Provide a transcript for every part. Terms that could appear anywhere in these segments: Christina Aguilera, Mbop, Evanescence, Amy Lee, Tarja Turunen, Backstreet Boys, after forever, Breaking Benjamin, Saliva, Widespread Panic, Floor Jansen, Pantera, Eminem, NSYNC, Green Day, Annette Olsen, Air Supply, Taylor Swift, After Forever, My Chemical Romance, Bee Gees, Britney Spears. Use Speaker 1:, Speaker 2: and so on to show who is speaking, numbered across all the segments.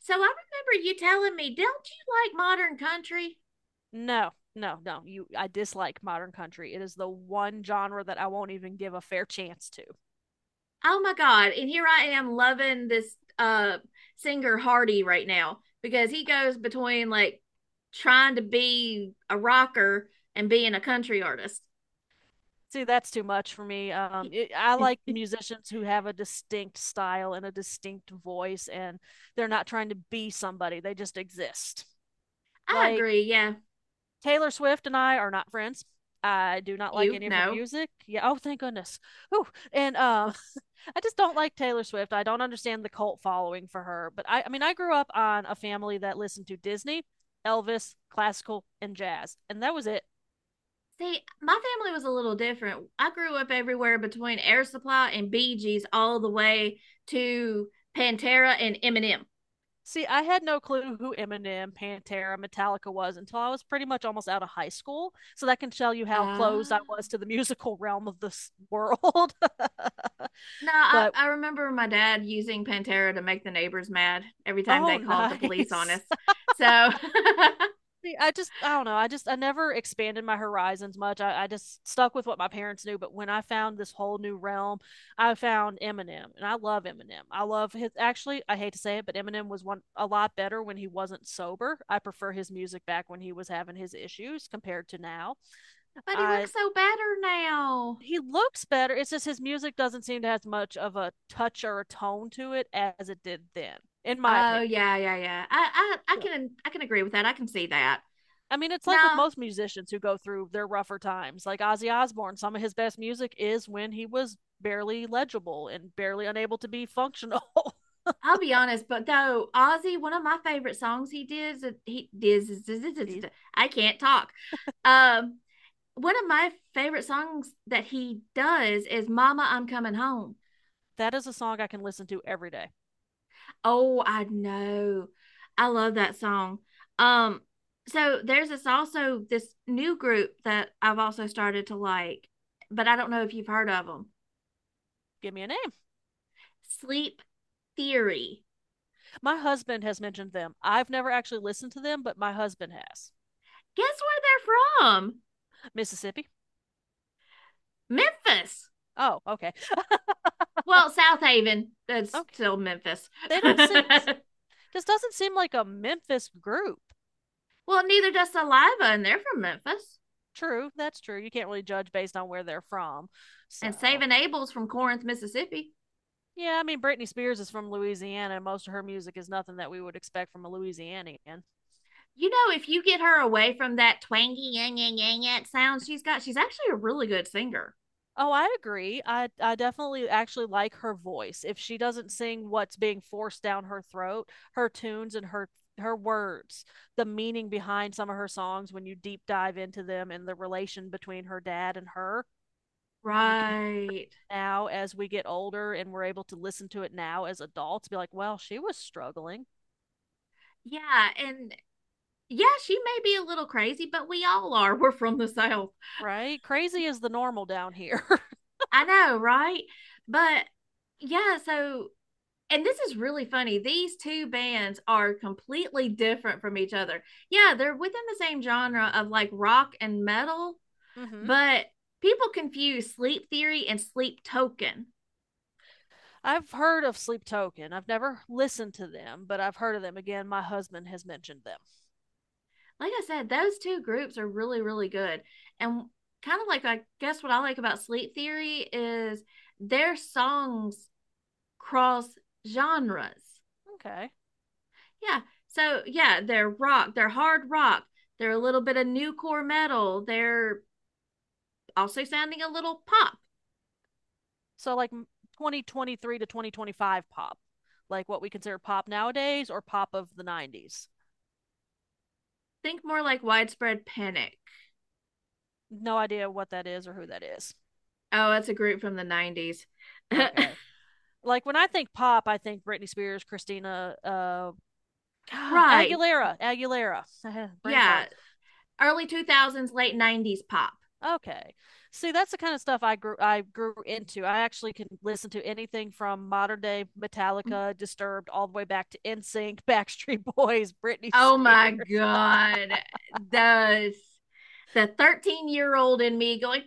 Speaker 1: So I remember you telling me, don't you like modern country?
Speaker 2: No, no, no. I dislike modern country. It is the one genre that I won't even give a fair chance to.
Speaker 1: Oh my God. And here I am loving this singer Hardy right now because he goes between like trying to be a rocker and being a country artist.
Speaker 2: See, that's too much for me. I like
Speaker 1: I
Speaker 2: musicians who have a distinct style and a distinct voice, and they're not trying to be somebody. They just exist. Like
Speaker 1: agree, yeah.
Speaker 2: Taylor Swift and I are not friends. I do not like
Speaker 1: You
Speaker 2: any of her
Speaker 1: know.
Speaker 2: music. Yeah. Oh, thank goodness. Ooh. And I just don't like Taylor Swift. I don't understand the cult following for her. But I mean, I grew up on a family that listened to Disney, Elvis, classical, and jazz, and that was it.
Speaker 1: See, my family was a little different. I grew up everywhere between Air Supply and Bee Gees all the way to Pantera and Eminem.
Speaker 2: See, I had no clue who Eminem, Pantera, Metallica was until I was pretty much almost out of high school. So that can tell you how closed I
Speaker 1: Ah.
Speaker 2: was to the musical realm of this world.
Speaker 1: No, I,
Speaker 2: But
Speaker 1: I remember my dad using Pantera to make the neighbors mad every time they
Speaker 2: oh,
Speaker 1: called the police on
Speaker 2: nice.
Speaker 1: us. So,
Speaker 2: I don't know. I never expanded my horizons much. I just stuck with what my parents knew. But when I found this whole new realm, I found Eminem, and I love Eminem. I love his. Actually, I hate to say it, but Eminem was one a lot better when he wasn't sober. I prefer his music back when he was having his issues compared to now.
Speaker 1: but he
Speaker 2: I
Speaker 1: looks so better now.
Speaker 2: he looks better. It's just his music doesn't seem to have as much of a touch or a tone to it as it did then, in my
Speaker 1: Oh
Speaker 2: opinion.
Speaker 1: yeah, yeah, yeah. I, I, I
Speaker 2: So
Speaker 1: can, I can agree with that. I can see that.
Speaker 2: I mean, it's like with
Speaker 1: No,
Speaker 2: most musicians who go through their rougher times. Like Ozzy Osbourne, some of his best music is when he was barely legible and barely unable to be functional.
Speaker 1: I'll be honest, but though Ozzy, one of my favorite songs he did. I can't talk. Um, One of my favorite songs that he does is "Mama, I'm Coming Home."
Speaker 2: That is a song I can listen to every day.
Speaker 1: Oh, I know. I love that song. Um, so there's this also this new group that I've also started to like, but I don't know if you've heard of them.
Speaker 2: Give me a name.
Speaker 1: Sleep Theory.
Speaker 2: My husband has mentioned them. I've never actually listened to them, but my husband has.
Speaker 1: Guess where they're from?
Speaker 2: Mississippi.
Speaker 1: Memphis.
Speaker 2: Oh, okay.
Speaker 1: Well, South Haven. That's
Speaker 2: Okay.
Speaker 1: still Memphis.
Speaker 2: They don't
Speaker 1: Well,
Speaker 2: seem, This doesn't seem like a Memphis group.
Speaker 1: neither does Saliva, and they're from Memphis.
Speaker 2: True. That's true. You can't really judge based on where they're from.
Speaker 1: And
Speaker 2: So,
Speaker 1: Saving Abel's from Corinth, Mississippi.
Speaker 2: yeah, I mean Britney Spears is from Louisiana, and most of her music is nothing that we would expect from a Louisianian.
Speaker 1: You know, if you get her away from that twangy yang yang yang yang sound she's got, she's actually a really good singer.
Speaker 2: Oh, I agree. I definitely actually like her voice. If she doesn't sing what's being forced down her throat, her tunes and her words, the meaning behind some of her songs when you deep dive into them and the relation between her dad and her, you can hear
Speaker 1: Right.
Speaker 2: now as we get older and we're able to listen to it now as adults be like, "Well, she was struggling."
Speaker 1: Yeah, and yeah, she may be a little crazy, but we all are. We're from the South.
Speaker 2: Right? Crazy is the normal down here.
Speaker 1: I know, right? But yeah, so and this is really funny. These two bands are completely different from each other. Yeah, they're within the same genre of like rock and metal,
Speaker 2: Mhm.
Speaker 1: but people confuse Sleep Theory and Sleep Token.
Speaker 2: I've heard of Sleep Token. I've never listened to them, but I've heard of them. Again, my husband has mentioned them.
Speaker 1: Like I said, those two groups are really, really good. And kind of like, I guess what I like about Sleep Theory is their songs cross genres.
Speaker 2: Okay.
Speaker 1: Yeah. So, yeah, they're rock, they're hard rock, they're a little bit of new core metal, they're also sounding a little pop.
Speaker 2: So like 2023 to 2025 pop, like what we consider pop nowadays or pop of the 90s.
Speaker 1: Think more like Widespread Panic.
Speaker 2: No idea what that is or who that is.
Speaker 1: Oh, that's a group from the 90s.
Speaker 2: Okay. Like when I think pop, I think Britney Spears, Christina,
Speaker 1: Right.
Speaker 2: Aguilera, Aguilera, brain fart.
Speaker 1: Yeah. Early 2000s, late 90s pop.
Speaker 2: Okay. See, that's the kind of stuff I grew into. I actually can listen to anything from modern day
Speaker 1: Mhm.
Speaker 2: Metallica, Disturbed, all the way back to NSYNC, Backstreet Boys, Britney
Speaker 1: Oh my
Speaker 2: Spears.
Speaker 1: God. The the 13-year-old in me going,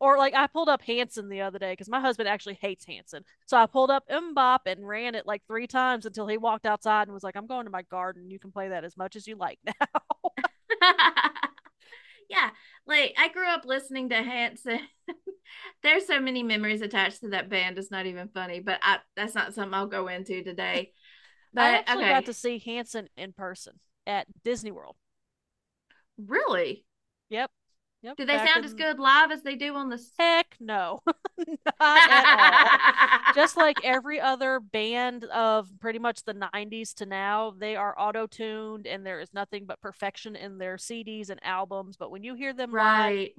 Speaker 2: Or like I pulled up Hanson the other day because my husband actually hates Hanson. So I pulled up Mbop and ran it like three times until he walked outside and was like, I'm going to my garden. You can play that as much as you like now.
Speaker 1: yeah. Like I grew up listening to Hanson. There's so many memories attached to that band. It's not even funny, but I, that's not something I'll go into today.
Speaker 2: I
Speaker 1: But
Speaker 2: actually got
Speaker 1: okay,
Speaker 2: to see Hanson in person at Disney World.
Speaker 1: really?
Speaker 2: Yep. Yep.
Speaker 1: Do they
Speaker 2: Back
Speaker 1: sound as
Speaker 2: in
Speaker 1: good live as they do on the?
Speaker 2: heck no, not at all. Just like every other band of pretty much the 90s to now, they are auto tuned and there is nothing but perfection in their CDs and albums. But when you hear them live,
Speaker 1: Right.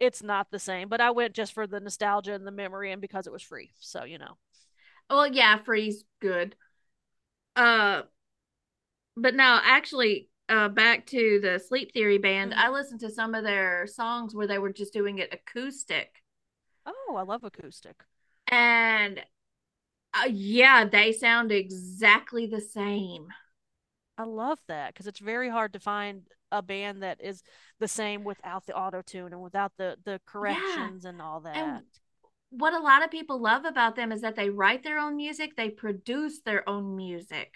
Speaker 2: it's not the same. But I went just for the nostalgia and the memory and because it was free. So, you know.
Speaker 1: Well, yeah, Freeze good. Uh, but no, actually, back to the Sleep Theory band,
Speaker 2: Mm-hmm.
Speaker 1: I listened to some of their songs where they were just doing it acoustic.
Speaker 2: Oh, I love acoustic.
Speaker 1: And yeah, they sound exactly the same.
Speaker 2: I love that because it's very hard to find a band that is the same without the auto tune and without the
Speaker 1: Yeah.
Speaker 2: corrections and all
Speaker 1: And
Speaker 2: that.
Speaker 1: what a lot of people love about them is that they write their own music, they produce their own music.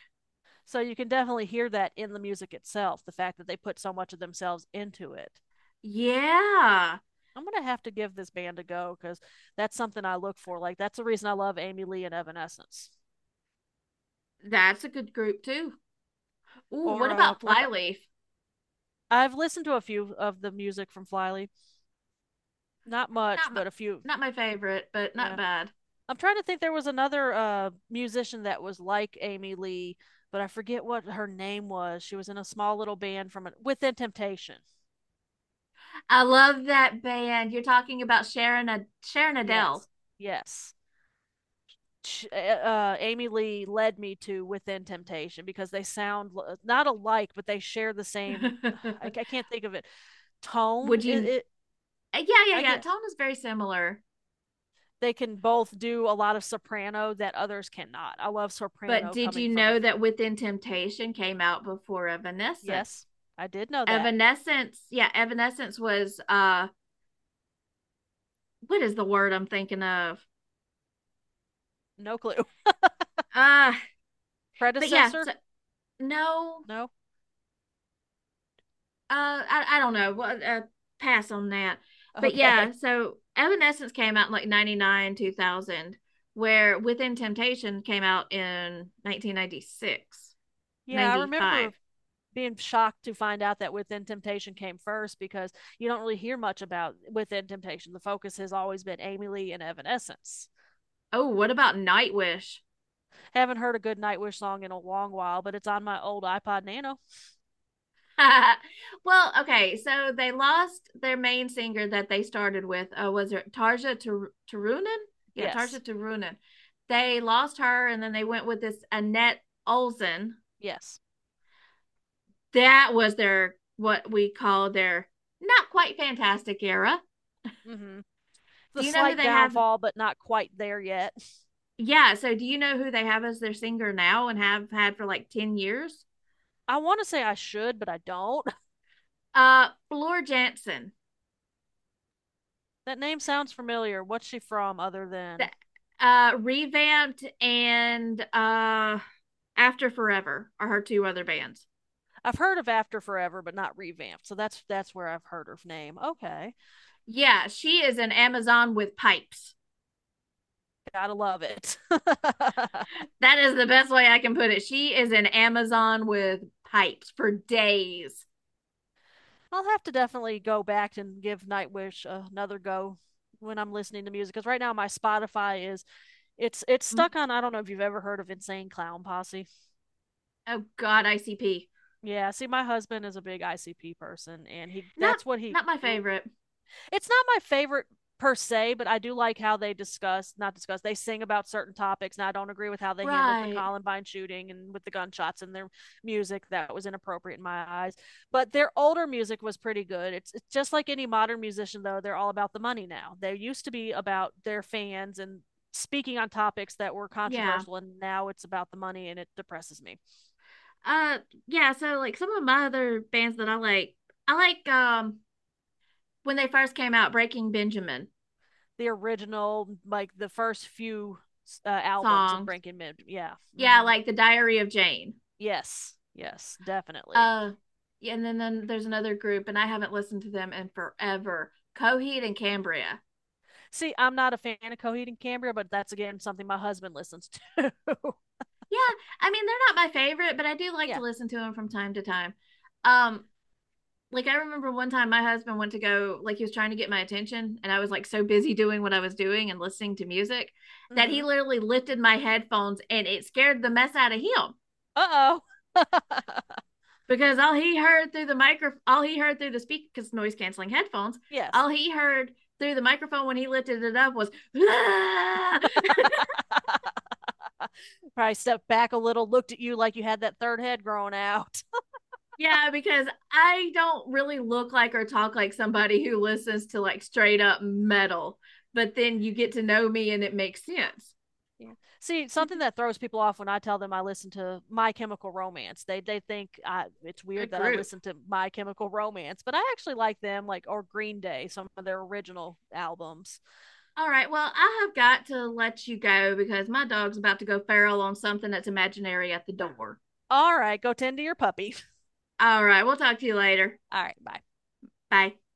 Speaker 2: So you can definitely hear that in the music itself, the fact that they put so much of themselves into it.
Speaker 1: Yeah.
Speaker 2: I'm going to have to give this band a go because that's something I look for. Like, that's the reason I love Amy Lee and Evanescence.
Speaker 1: That's a good group too. Ooh, what
Speaker 2: Or
Speaker 1: about Flyleaf?
Speaker 2: listened to a few of the music from Flyleaf. Not
Speaker 1: Not
Speaker 2: much,
Speaker 1: my,
Speaker 2: but a few.
Speaker 1: not my favorite, but not
Speaker 2: Yeah.
Speaker 1: bad.
Speaker 2: I'm trying to think there was another musician that was like Amy Lee, but I forget what her name was. She was in a small little band from a, Within Temptation.
Speaker 1: I love that band. You're talking about Sharon Adele.
Speaker 2: Yes. Yes. Amy Lee led me to Within Temptation because they sound not alike, but they share the same. I can't think of it. Tone.
Speaker 1: Would
Speaker 2: It,
Speaker 1: you?
Speaker 2: it.
Speaker 1: Yeah, yeah,
Speaker 2: I
Speaker 1: yeah.
Speaker 2: guess
Speaker 1: Tone is very similar.
Speaker 2: they can both do a lot of soprano that others cannot. I love
Speaker 1: But
Speaker 2: soprano
Speaker 1: did
Speaker 2: coming
Speaker 1: you
Speaker 2: from a.
Speaker 1: know that Within Temptation came out before Evanescence?
Speaker 2: Yes, I did know that.
Speaker 1: Evanescence, yeah, Evanescence was what is the word I'm thinking of?
Speaker 2: No clue.
Speaker 1: Uh but yeah,
Speaker 2: Predecessor?
Speaker 1: so no,
Speaker 2: No.
Speaker 1: I don't know. What pass on that. But
Speaker 2: Okay.
Speaker 1: yeah, so Evanescence came out in like 99, 2000, where Within Temptation came out in 1996,
Speaker 2: Yeah, I
Speaker 1: 95.
Speaker 2: remember being shocked to find out that Within Temptation came first because you don't really hear much about Within Temptation. The focus has always been Amy Lee and Evanescence.
Speaker 1: Oh, what about Nightwish?
Speaker 2: Haven't heard a good Nightwish song in a long while, but it's on my old iPod Nano.
Speaker 1: Well, okay, so they lost their main singer that they started with. Was it Turunen? Yeah, Tarja
Speaker 2: Yes.
Speaker 1: Turunen. They lost her, and then they went with this Annette Olsen.
Speaker 2: Yes.
Speaker 1: That was their what we call their not quite fantastic era.
Speaker 2: Mm-hmm.
Speaker 1: Do
Speaker 2: The
Speaker 1: you know who
Speaker 2: slight
Speaker 1: they have?
Speaker 2: downfall, but not quite there yet.
Speaker 1: Yeah, so do you know who they have as their singer now and have had for like 10 years?
Speaker 2: I want to say I should, but I don't.
Speaker 1: Floor Jansen.
Speaker 2: That name sounds familiar. What's she from other
Speaker 1: The
Speaker 2: than
Speaker 1: revamped and after forever are her two other bands.
Speaker 2: I've heard of After Forever, but not revamped. So that's where I've heard her name. Okay,
Speaker 1: Yeah, she is an amazon with pipes.
Speaker 2: gotta love it. I'll
Speaker 1: That is the best way I can put it. She is an amazon with pipes for days.
Speaker 2: have to definitely go back and give Nightwish another go when I'm listening to music because right now my Spotify is it's
Speaker 1: Mm.
Speaker 2: stuck on I don't know if you've ever heard of Insane Clown Posse.
Speaker 1: Oh god, ICP.
Speaker 2: Yeah, see my husband is a big ICP person and he
Speaker 1: not
Speaker 2: that's what he
Speaker 1: not my
Speaker 2: grew.
Speaker 1: favorite.
Speaker 2: It's not my favorite per se, but I do like how they discuss, not discuss, they sing about certain topics. And I don't agree with how they handled the
Speaker 1: Right.
Speaker 2: Columbine shooting and with the gunshots and their music. That was inappropriate in my eyes. But their older music was pretty good. It's just like any modern musician, though, they're all about the money now. They used to be about their fans and speaking on topics that were
Speaker 1: Yeah.
Speaker 2: controversial and now it's about the money and it depresses me
Speaker 1: uh yeah, so like some of my other bands that I like, when they first came out, Breaking Benjamin
Speaker 2: the original like the first few albums of
Speaker 1: songs.
Speaker 2: breaking mid yeah
Speaker 1: Yeah,
Speaker 2: mm-hmm.
Speaker 1: like the diary of jane.
Speaker 2: Yes, yes, definitely.
Speaker 1: Uh, yeah, and then there's another group, and I haven't listened to them in forever. Coheed and Cambria.
Speaker 2: See, I'm not a fan of Coheed and Cambria, but that's again something my husband listens to.
Speaker 1: Yeah, I mean they're not my favorite, but I do like to
Speaker 2: Yeah.
Speaker 1: listen to them from time to time. Um, like I remember one time my husband went to go, like he was trying to get my attention, and I was like so busy doing what I was doing and listening to music that he
Speaker 2: Mm-hmm.
Speaker 1: literally lifted my headphones, and it scared the mess out of him.
Speaker 2: Uh oh.
Speaker 1: Because all he heard through the speaker, because noise canceling headphones
Speaker 2: Yes.
Speaker 1: all he heard through the microphone when he lifted it up was "Ah!"
Speaker 2: Probably stepped back a little, looked at you like you had that third head growing out.
Speaker 1: Yeah, because I don't really look like or talk like somebody who listens to like straight up metal, but then you get to know me and it makes sense.
Speaker 2: Yeah. See, something that throws people off when I tell them I listen to My Chemical Romance, they think I, it's weird
Speaker 1: Good
Speaker 2: that I
Speaker 1: group.
Speaker 2: listen to My Chemical Romance, but I actually like them, like or Green Day, some of their original albums.
Speaker 1: All right, well I have got to let you go because my dog's about to go feral on something that's imaginary at the door.
Speaker 2: All right, go tend to your puppy.
Speaker 1: All right, we'll talk to you later.
Speaker 2: All right, bye.
Speaker 1: Bye.